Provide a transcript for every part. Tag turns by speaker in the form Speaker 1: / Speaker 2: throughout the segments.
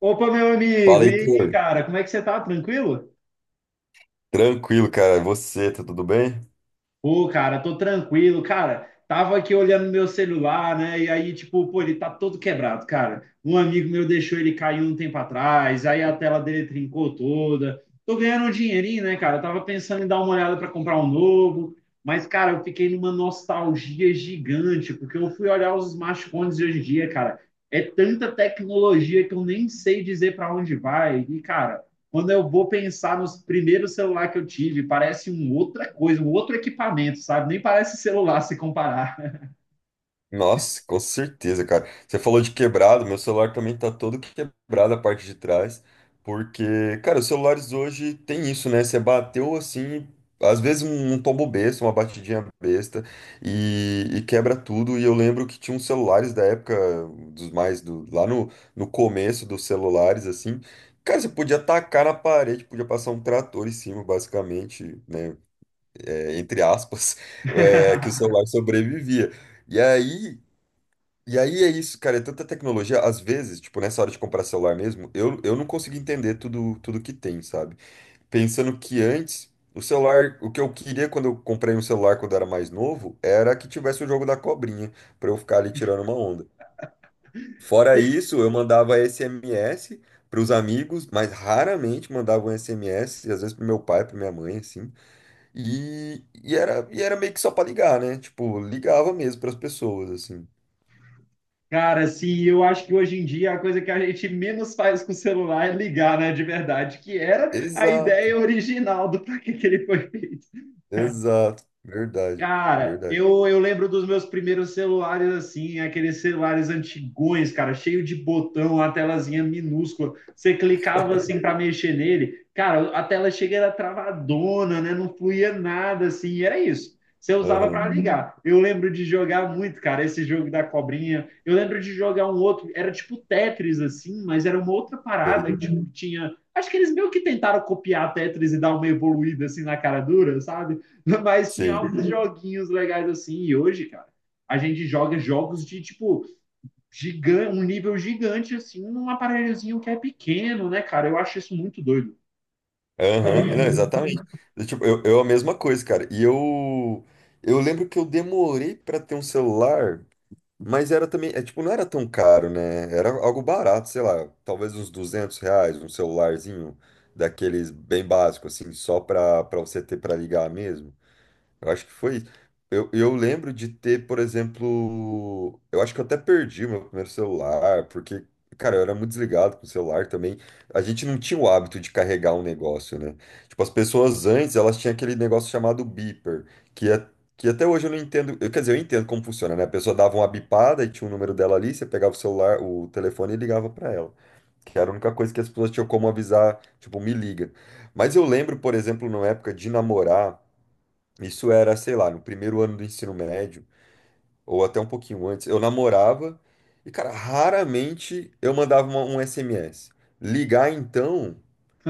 Speaker 1: Opa, meu
Speaker 2: Fala,
Speaker 1: amigo, e aí,
Speaker 2: Heitor.
Speaker 1: cara, como é que você tá? Tranquilo?
Speaker 2: Tranquilo, cara. E você, tá tudo bem?
Speaker 1: Pô, cara, tô tranquilo, cara. Tava aqui olhando meu celular, né? E aí, tipo, pô, ele tá todo quebrado, cara. Um amigo meu deixou ele cair um tempo atrás, aí a tela dele trincou toda. Tô ganhando um dinheirinho, né, cara? Tava pensando em dar uma olhada pra comprar um novo, mas, cara, eu fiquei numa nostalgia gigante, porque eu fui olhar os smartphones de hoje em dia, cara. É tanta tecnologia que eu nem sei dizer pra onde vai. E, cara. Quando eu vou pensar nos primeiros celulares que eu tive, parece uma outra coisa, um outro equipamento, sabe? Nem parece celular se comparar.
Speaker 2: Nossa, com certeza, cara. Você falou de quebrado, meu celular também tá todo quebrado a parte de trás, porque, cara, os celulares hoje tem isso, né? Você bateu assim, às vezes um tombo besta, uma batidinha besta, e quebra tudo. E eu lembro que tinha uns celulares da época, dos mais do, lá no, no começo dos celulares, assim. Cara, você podia tacar na parede, podia passar um trator em cima, basicamente, né? É, entre aspas, é, que o celular sobrevivia. E aí, e aí é isso, cara, é tanta tecnologia, às vezes, tipo, nessa hora de comprar celular mesmo, eu não consigo entender tudo, tudo que tem, sabe? Pensando que antes, o celular, o que eu queria quando eu comprei um celular quando eu era mais novo, era que tivesse o jogo da cobrinha, pra eu ficar ali tirando uma onda. Fora isso, eu mandava SMS para os amigos, mas raramente mandava um SMS, às vezes pro meu pai, para minha mãe, assim. E era meio que só pra ligar, né? Tipo, ligava mesmo pras pessoas, assim.
Speaker 1: Cara, assim, eu acho que hoje em dia a coisa que a gente menos faz com o celular é ligar, né, de verdade, que era a
Speaker 2: Exato,
Speaker 1: ideia original do para que, que ele foi feito.
Speaker 2: exato. Verdade,
Speaker 1: Cara,
Speaker 2: verdade.
Speaker 1: eu lembro dos meus primeiros celulares assim, aqueles celulares antigões, cara, cheio de botão, a telazinha minúscula. Você clicava assim para mexer nele, cara, a tela chega era travadona, né? Não fluía nada assim, era isso. Você usava
Speaker 2: Aham,
Speaker 1: para ligar. Eu lembro de jogar muito, cara, esse jogo da cobrinha. Eu lembro de jogar um outro, era tipo Tetris assim, mas era uma outra parada,
Speaker 2: sei,
Speaker 1: que, tipo, tinha, acho que eles meio que tentaram copiar Tetris e dar uma evoluída assim na cara dura, sabe? Mas tinha
Speaker 2: sim.
Speaker 1: alguns joguinhos legais assim. E hoje, cara, a gente joga jogos de tipo gigante, um nível gigante assim, num aparelhozinho que é pequeno, né, cara? Eu acho isso muito doido.
Speaker 2: Aham, não, exatamente. Eu, tipo, eu a mesma coisa, cara. E eu lembro que eu demorei pra ter um celular, mas era também, é, tipo, não era tão caro, né? Era algo barato, sei lá, talvez uns R$ 200, um celularzinho daqueles bem básico, assim, só pra, pra você ter pra ligar mesmo. Eu acho que foi isso. Eu lembro de ter, por exemplo, eu acho que eu até perdi o meu primeiro celular, porque, cara, eu era muito desligado com o celular também. A gente não tinha o hábito de carregar um negócio, né? Tipo, as pessoas antes, elas tinham aquele negócio chamado beeper, que, é, que até hoje eu não entendo. Eu, quer dizer, eu entendo como funciona, né? A pessoa dava uma bipada e tinha o número dela ali, você pegava o celular, o telefone e ligava pra ela. Que era a única coisa que as pessoas tinham como avisar, tipo, me liga. Mas eu lembro, por exemplo, na época de namorar. Isso era, sei lá, no primeiro ano do ensino médio, ou até um pouquinho antes, eu namorava e, cara, raramente eu mandava um SMS. Ligar, então,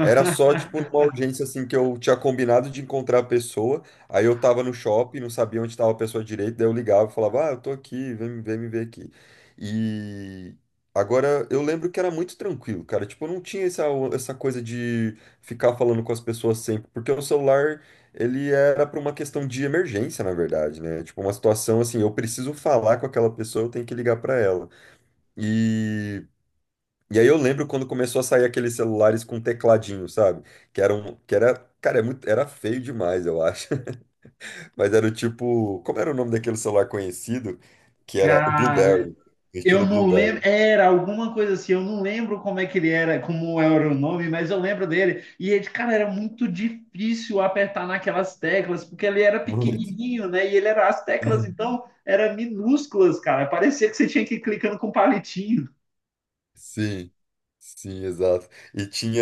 Speaker 2: era só, tipo, uma urgência, assim, que eu tinha combinado de encontrar a pessoa, aí eu tava no shopping, não sabia onde estava a pessoa direito, daí eu ligava e falava, ah, eu tô aqui, vem, vem me ver aqui. E agora, eu lembro que era muito tranquilo, cara, tipo, eu não tinha essa, essa coisa de ficar falando com as pessoas sempre, porque o celular ele era para uma questão de emergência, na verdade, né? Tipo, uma situação assim, eu preciso falar com aquela pessoa, eu tenho que ligar para ela. E, e aí eu lembro quando começou a sair aqueles celulares com tecladinho, sabe? Que era um, que era, cara, é muito, era feio demais, eu acho. Mas era o tipo, como era o nome daquele celular conhecido? Que era o
Speaker 1: Cara,
Speaker 2: Blueberry,
Speaker 1: eu
Speaker 2: estilo
Speaker 1: não lembro,
Speaker 2: Blueberry.
Speaker 1: era alguma coisa assim, eu não lembro como é que ele era, como era o nome, mas eu lembro dele. E ele, cara, era muito difícil apertar naquelas teclas, porque ele era pequenininho, né? E ele era as teclas
Speaker 2: Muito.
Speaker 1: então eram minúsculas, cara. Parecia que você tinha que ir clicando com um palitinho.
Speaker 2: Sim, sim, exato. E tinha.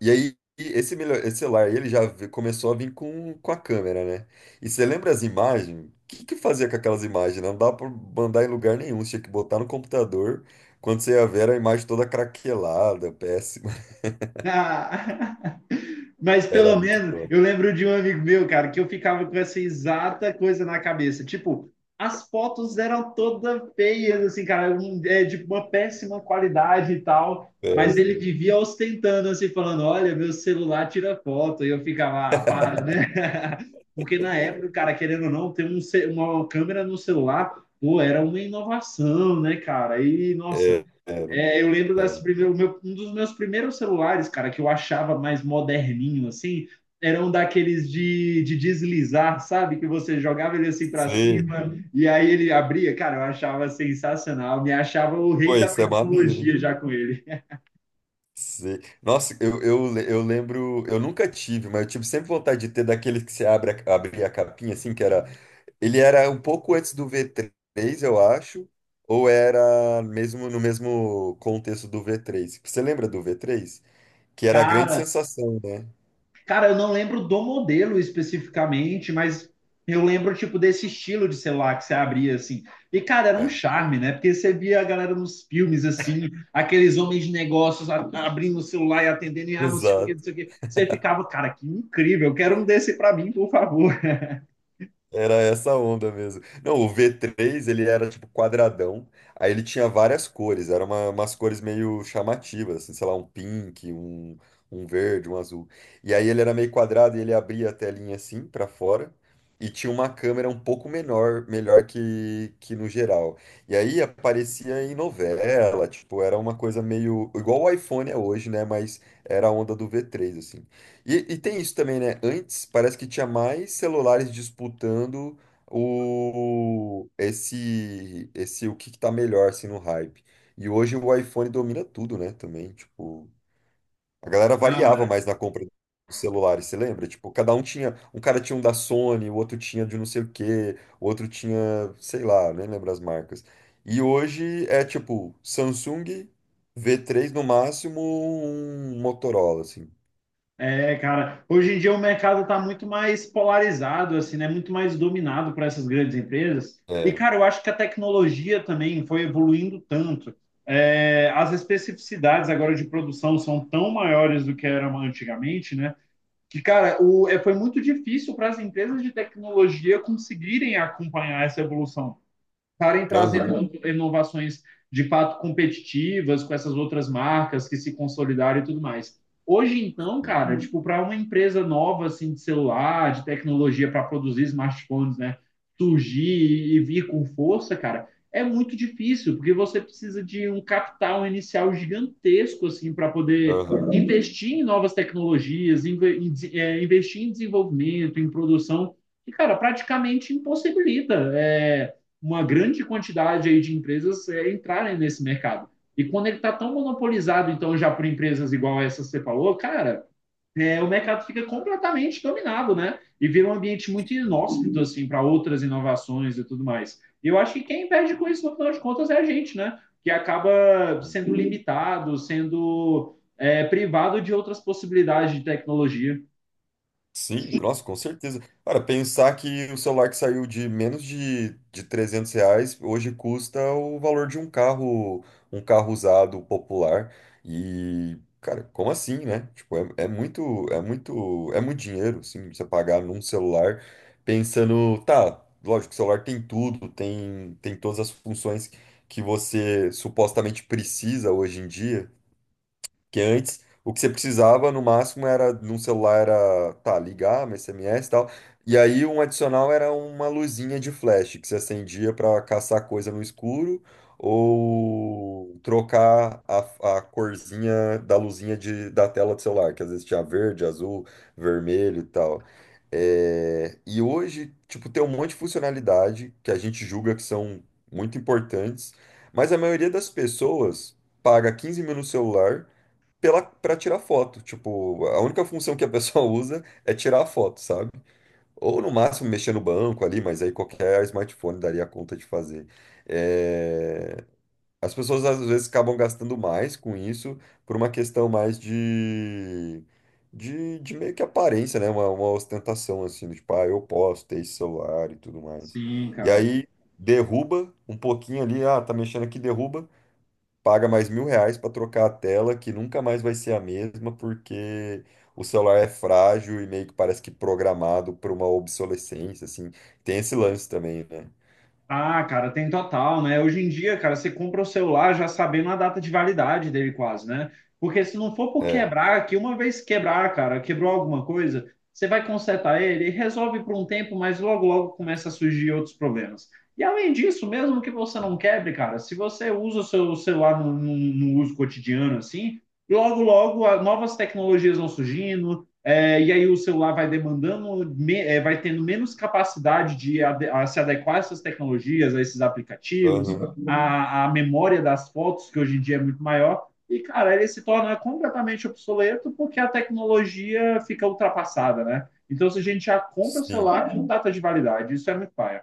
Speaker 2: E aí, esse, melhor, esse celular aí, ele já começou a vir com a câmera, né? E você lembra as imagens? O que que fazia com aquelas imagens? Não dá pra mandar em lugar nenhum, você tinha que botar no computador. Quando você ia ver, era a imagem toda craquelada, péssima.
Speaker 1: Mas
Speaker 2: Era
Speaker 1: pelo
Speaker 2: muito
Speaker 1: menos
Speaker 2: top,
Speaker 1: eu lembro de um amigo meu, cara, que eu ficava com essa exata coisa na cabeça. Tipo, as fotos eram todas feias, assim, cara, é, de uma péssima qualidade e tal. Mas ele
Speaker 2: péssimo.
Speaker 1: vivia ostentando, assim, falando: Olha, meu celular tira foto. E eu ficava, ah, para, né? Porque na época, cara, querendo ou não, ter um uma câmera no celular, pô, era uma inovação, né, cara? E, nossa.
Speaker 2: É, era,
Speaker 1: É, eu lembro das
Speaker 2: era.
Speaker 1: primeiras, o um dos meus primeiros celulares, cara, que eu achava mais moderninho, assim, eram daqueles de deslizar, sabe? Que você jogava ele assim pra
Speaker 2: Sim,
Speaker 1: cima. Uhum. E aí ele abria. Cara, eu achava sensacional, me achava o rei
Speaker 2: pô,
Speaker 1: da
Speaker 2: isso é maneiro,
Speaker 1: tecnologia
Speaker 2: hein?
Speaker 1: já com ele.
Speaker 2: Sei. Nossa, eu, eu lembro, eu nunca tive, mas eu tive sempre vontade de ter daqueles que você abre a, abria a capinha, assim, que era. Ele era um pouco antes do V3, eu acho, ou era mesmo no mesmo contexto do V3. Você lembra do V3? Que era a grande
Speaker 1: Cara,
Speaker 2: sensação, né?
Speaker 1: Cara, eu não lembro do modelo especificamente, mas eu lembro, tipo, desse estilo de celular que você abria, assim. E, cara, era um
Speaker 2: É.
Speaker 1: charme, né? Porque você via a galera nos filmes, assim, aqueles homens de negócios abrindo o celular e atendendo, e ah, não sei o quê, não
Speaker 2: Exato.
Speaker 1: sei o quê. Você ficava, cara, que incrível, eu quero um desse pra mim, por favor.
Speaker 2: Era essa onda mesmo. Não, o v três ele era tipo quadradão, aí ele tinha várias cores, eram uma, umas cores meio chamativas, assim, sei lá, um pink, um verde, um azul. E aí ele era meio quadrado e ele abria a telinha assim pra fora e tinha uma câmera um pouco menor, melhor que no geral. E aí aparecia em novela, tipo, era uma coisa meio igual o iPhone é hoje, né? Mas era a onda do v três assim. E tem isso também, né? Antes parece que tinha mais celulares disputando o esse o que que tá melhor assim no hype. E hoje o iPhone domina tudo, né? Também, tipo, a galera
Speaker 1: Não.
Speaker 2: variava mais na compra dos celulares, você lembra? Tipo, cada um tinha, um cara tinha um da Sony, o outro tinha de não sei o quê, o outro tinha, sei lá, nem lembro as marcas. E hoje é tipo Samsung V3 no máximo, um Motorola assim.
Speaker 1: É, cara, hoje em dia o mercado está muito mais polarizado, assim, né? Muito mais dominado por essas grandes empresas. E,
Speaker 2: É.
Speaker 1: cara, eu acho que a tecnologia também foi evoluindo tanto. É, as especificidades agora de produção são tão maiores do que eram antigamente, né? Que, cara, o, é, foi muito difícil para as empresas de tecnologia conseguirem acompanhar essa evolução, estarem
Speaker 2: Aham.
Speaker 1: trazendo inovações de fato competitivas com essas outras marcas que se consolidaram e tudo mais. Hoje então,
Speaker 2: Sim.
Speaker 1: cara, tipo, para uma empresa nova assim de celular, de tecnologia para produzir smartphones, né, surgir e vir com força, cara, é muito difícil, porque você precisa de um capital inicial gigantesco assim para poder
Speaker 2: Aham.
Speaker 1: investir em novas tecnologias, investir em desenvolvimento, em produção, e cara, praticamente impossibilita é, uma grande quantidade aí de empresas é, entrarem nesse mercado. E quando ele está tão monopolizado, então, já por empresas igual essa que você falou, cara, é, o mercado fica completamente dominado, né? E vira um ambiente muito
Speaker 2: Sim,
Speaker 1: inóspito, assim, para outras inovações e tudo mais. E eu acho que quem perde com isso, no final de contas, é a gente, né? Que acaba
Speaker 2: sim.
Speaker 1: sendo limitado, sendo é, privado de outras possibilidades de tecnologia.
Speaker 2: Sim, nossa, com certeza. Cara, pensar que o celular que saiu de menos de R$ 300 hoje custa o valor de um carro usado popular. E, cara, como assim, né? Tipo, é, é muito, é muito, é muito dinheiro, assim, você pagar num celular pensando, tá, lógico, o celular tem tudo, tem, tem todas as funções que você supostamente precisa hoje em dia. Que antes, o que você precisava no máximo era, num celular era, tá, ligar, um SMS e tal. E aí um adicional era uma luzinha de flash que você acendia para caçar coisa no escuro ou trocar a corzinha da luzinha de, da tela do celular, que às vezes tinha verde, azul, vermelho e tal. É, e hoje, tipo, tem um monte de funcionalidade que a gente julga que são muito importantes, mas a maioria das pessoas paga 15 mil no celular pela, pra tirar foto. Tipo, a única função que a pessoa usa é tirar a foto, sabe? Ou no máximo mexer no banco ali, mas aí qualquer smartphone daria conta de fazer. É, as pessoas às vezes acabam gastando mais com isso por uma questão mais de. De meio que aparência, né? Uma ostentação assim, do tipo, ah, eu posso ter esse celular e tudo mais.
Speaker 1: Sim,
Speaker 2: E
Speaker 1: cara.
Speaker 2: aí derruba um pouquinho ali, ah, tá mexendo aqui, derruba paga mais mil reais para trocar a tela, que nunca mais vai ser a mesma, porque o celular é frágil e meio que parece que programado para uma obsolescência, assim. Tem esse lance também, né?
Speaker 1: Ah, cara, tem total, né? Hoje em dia, cara, você compra o celular já sabendo a data de validade dele quase, né? Porque se não for por
Speaker 2: É.
Speaker 1: quebrar, que uma vez quebrar, cara, quebrou alguma coisa, você vai consertar ele e resolve por um tempo, mas logo, logo começa a surgir outros problemas. E além disso, mesmo que você não quebre, cara, se você usa o seu celular no uso cotidiano, assim, logo, logo, novas tecnologias vão surgindo, é, e aí o celular vai demandando, me, é, vai tendo menos capacidade de ade a se adequar a essas tecnologias, a esses aplicativos,
Speaker 2: Aham.
Speaker 1: a memória das fotos, que hoje em dia é muito maior, e, cara, ele se torna completamente obsoleto porque a tecnologia fica ultrapassada, né? Então, se a gente já compra o
Speaker 2: Sim.
Speaker 1: celular com data de validade, isso é muito paia.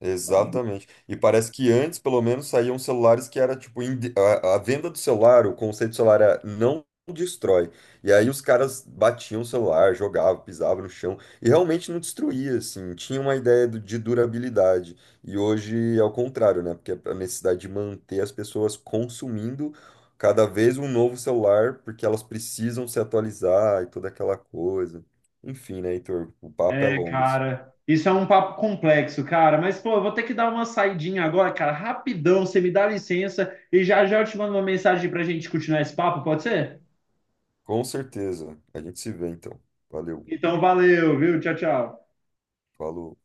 Speaker 2: Exatamente. E parece que antes, pelo menos, saíam celulares que era tipo a venda do celular, o conceito do celular era não destrói. E aí os caras batiam o celular, jogavam, pisavam no chão e realmente não destruía, assim. Tinha uma ideia de durabilidade. E hoje é o contrário, né? Porque é a necessidade de manter as pessoas consumindo cada vez um novo celular, porque elas precisam se atualizar e toda aquela coisa. Enfim, né, Heitor? O papo é
Speaker 1: É,
Speaker 2: longo.
Speaker 1: cara, isso é um papo complexo, cara. Mas, pô, eu vou ter que dar uma saidinha agora, cara, rapidão. Você me dá licença e já já eu te mando uma mensagem pra gente continuar esse papo, pode ser?
Speaker 2: Com certeza. A gente se vê então. Valeu.
Speaker 1: Então, valeu, viu? Tchau, tchau.
Speaker 2: Falou.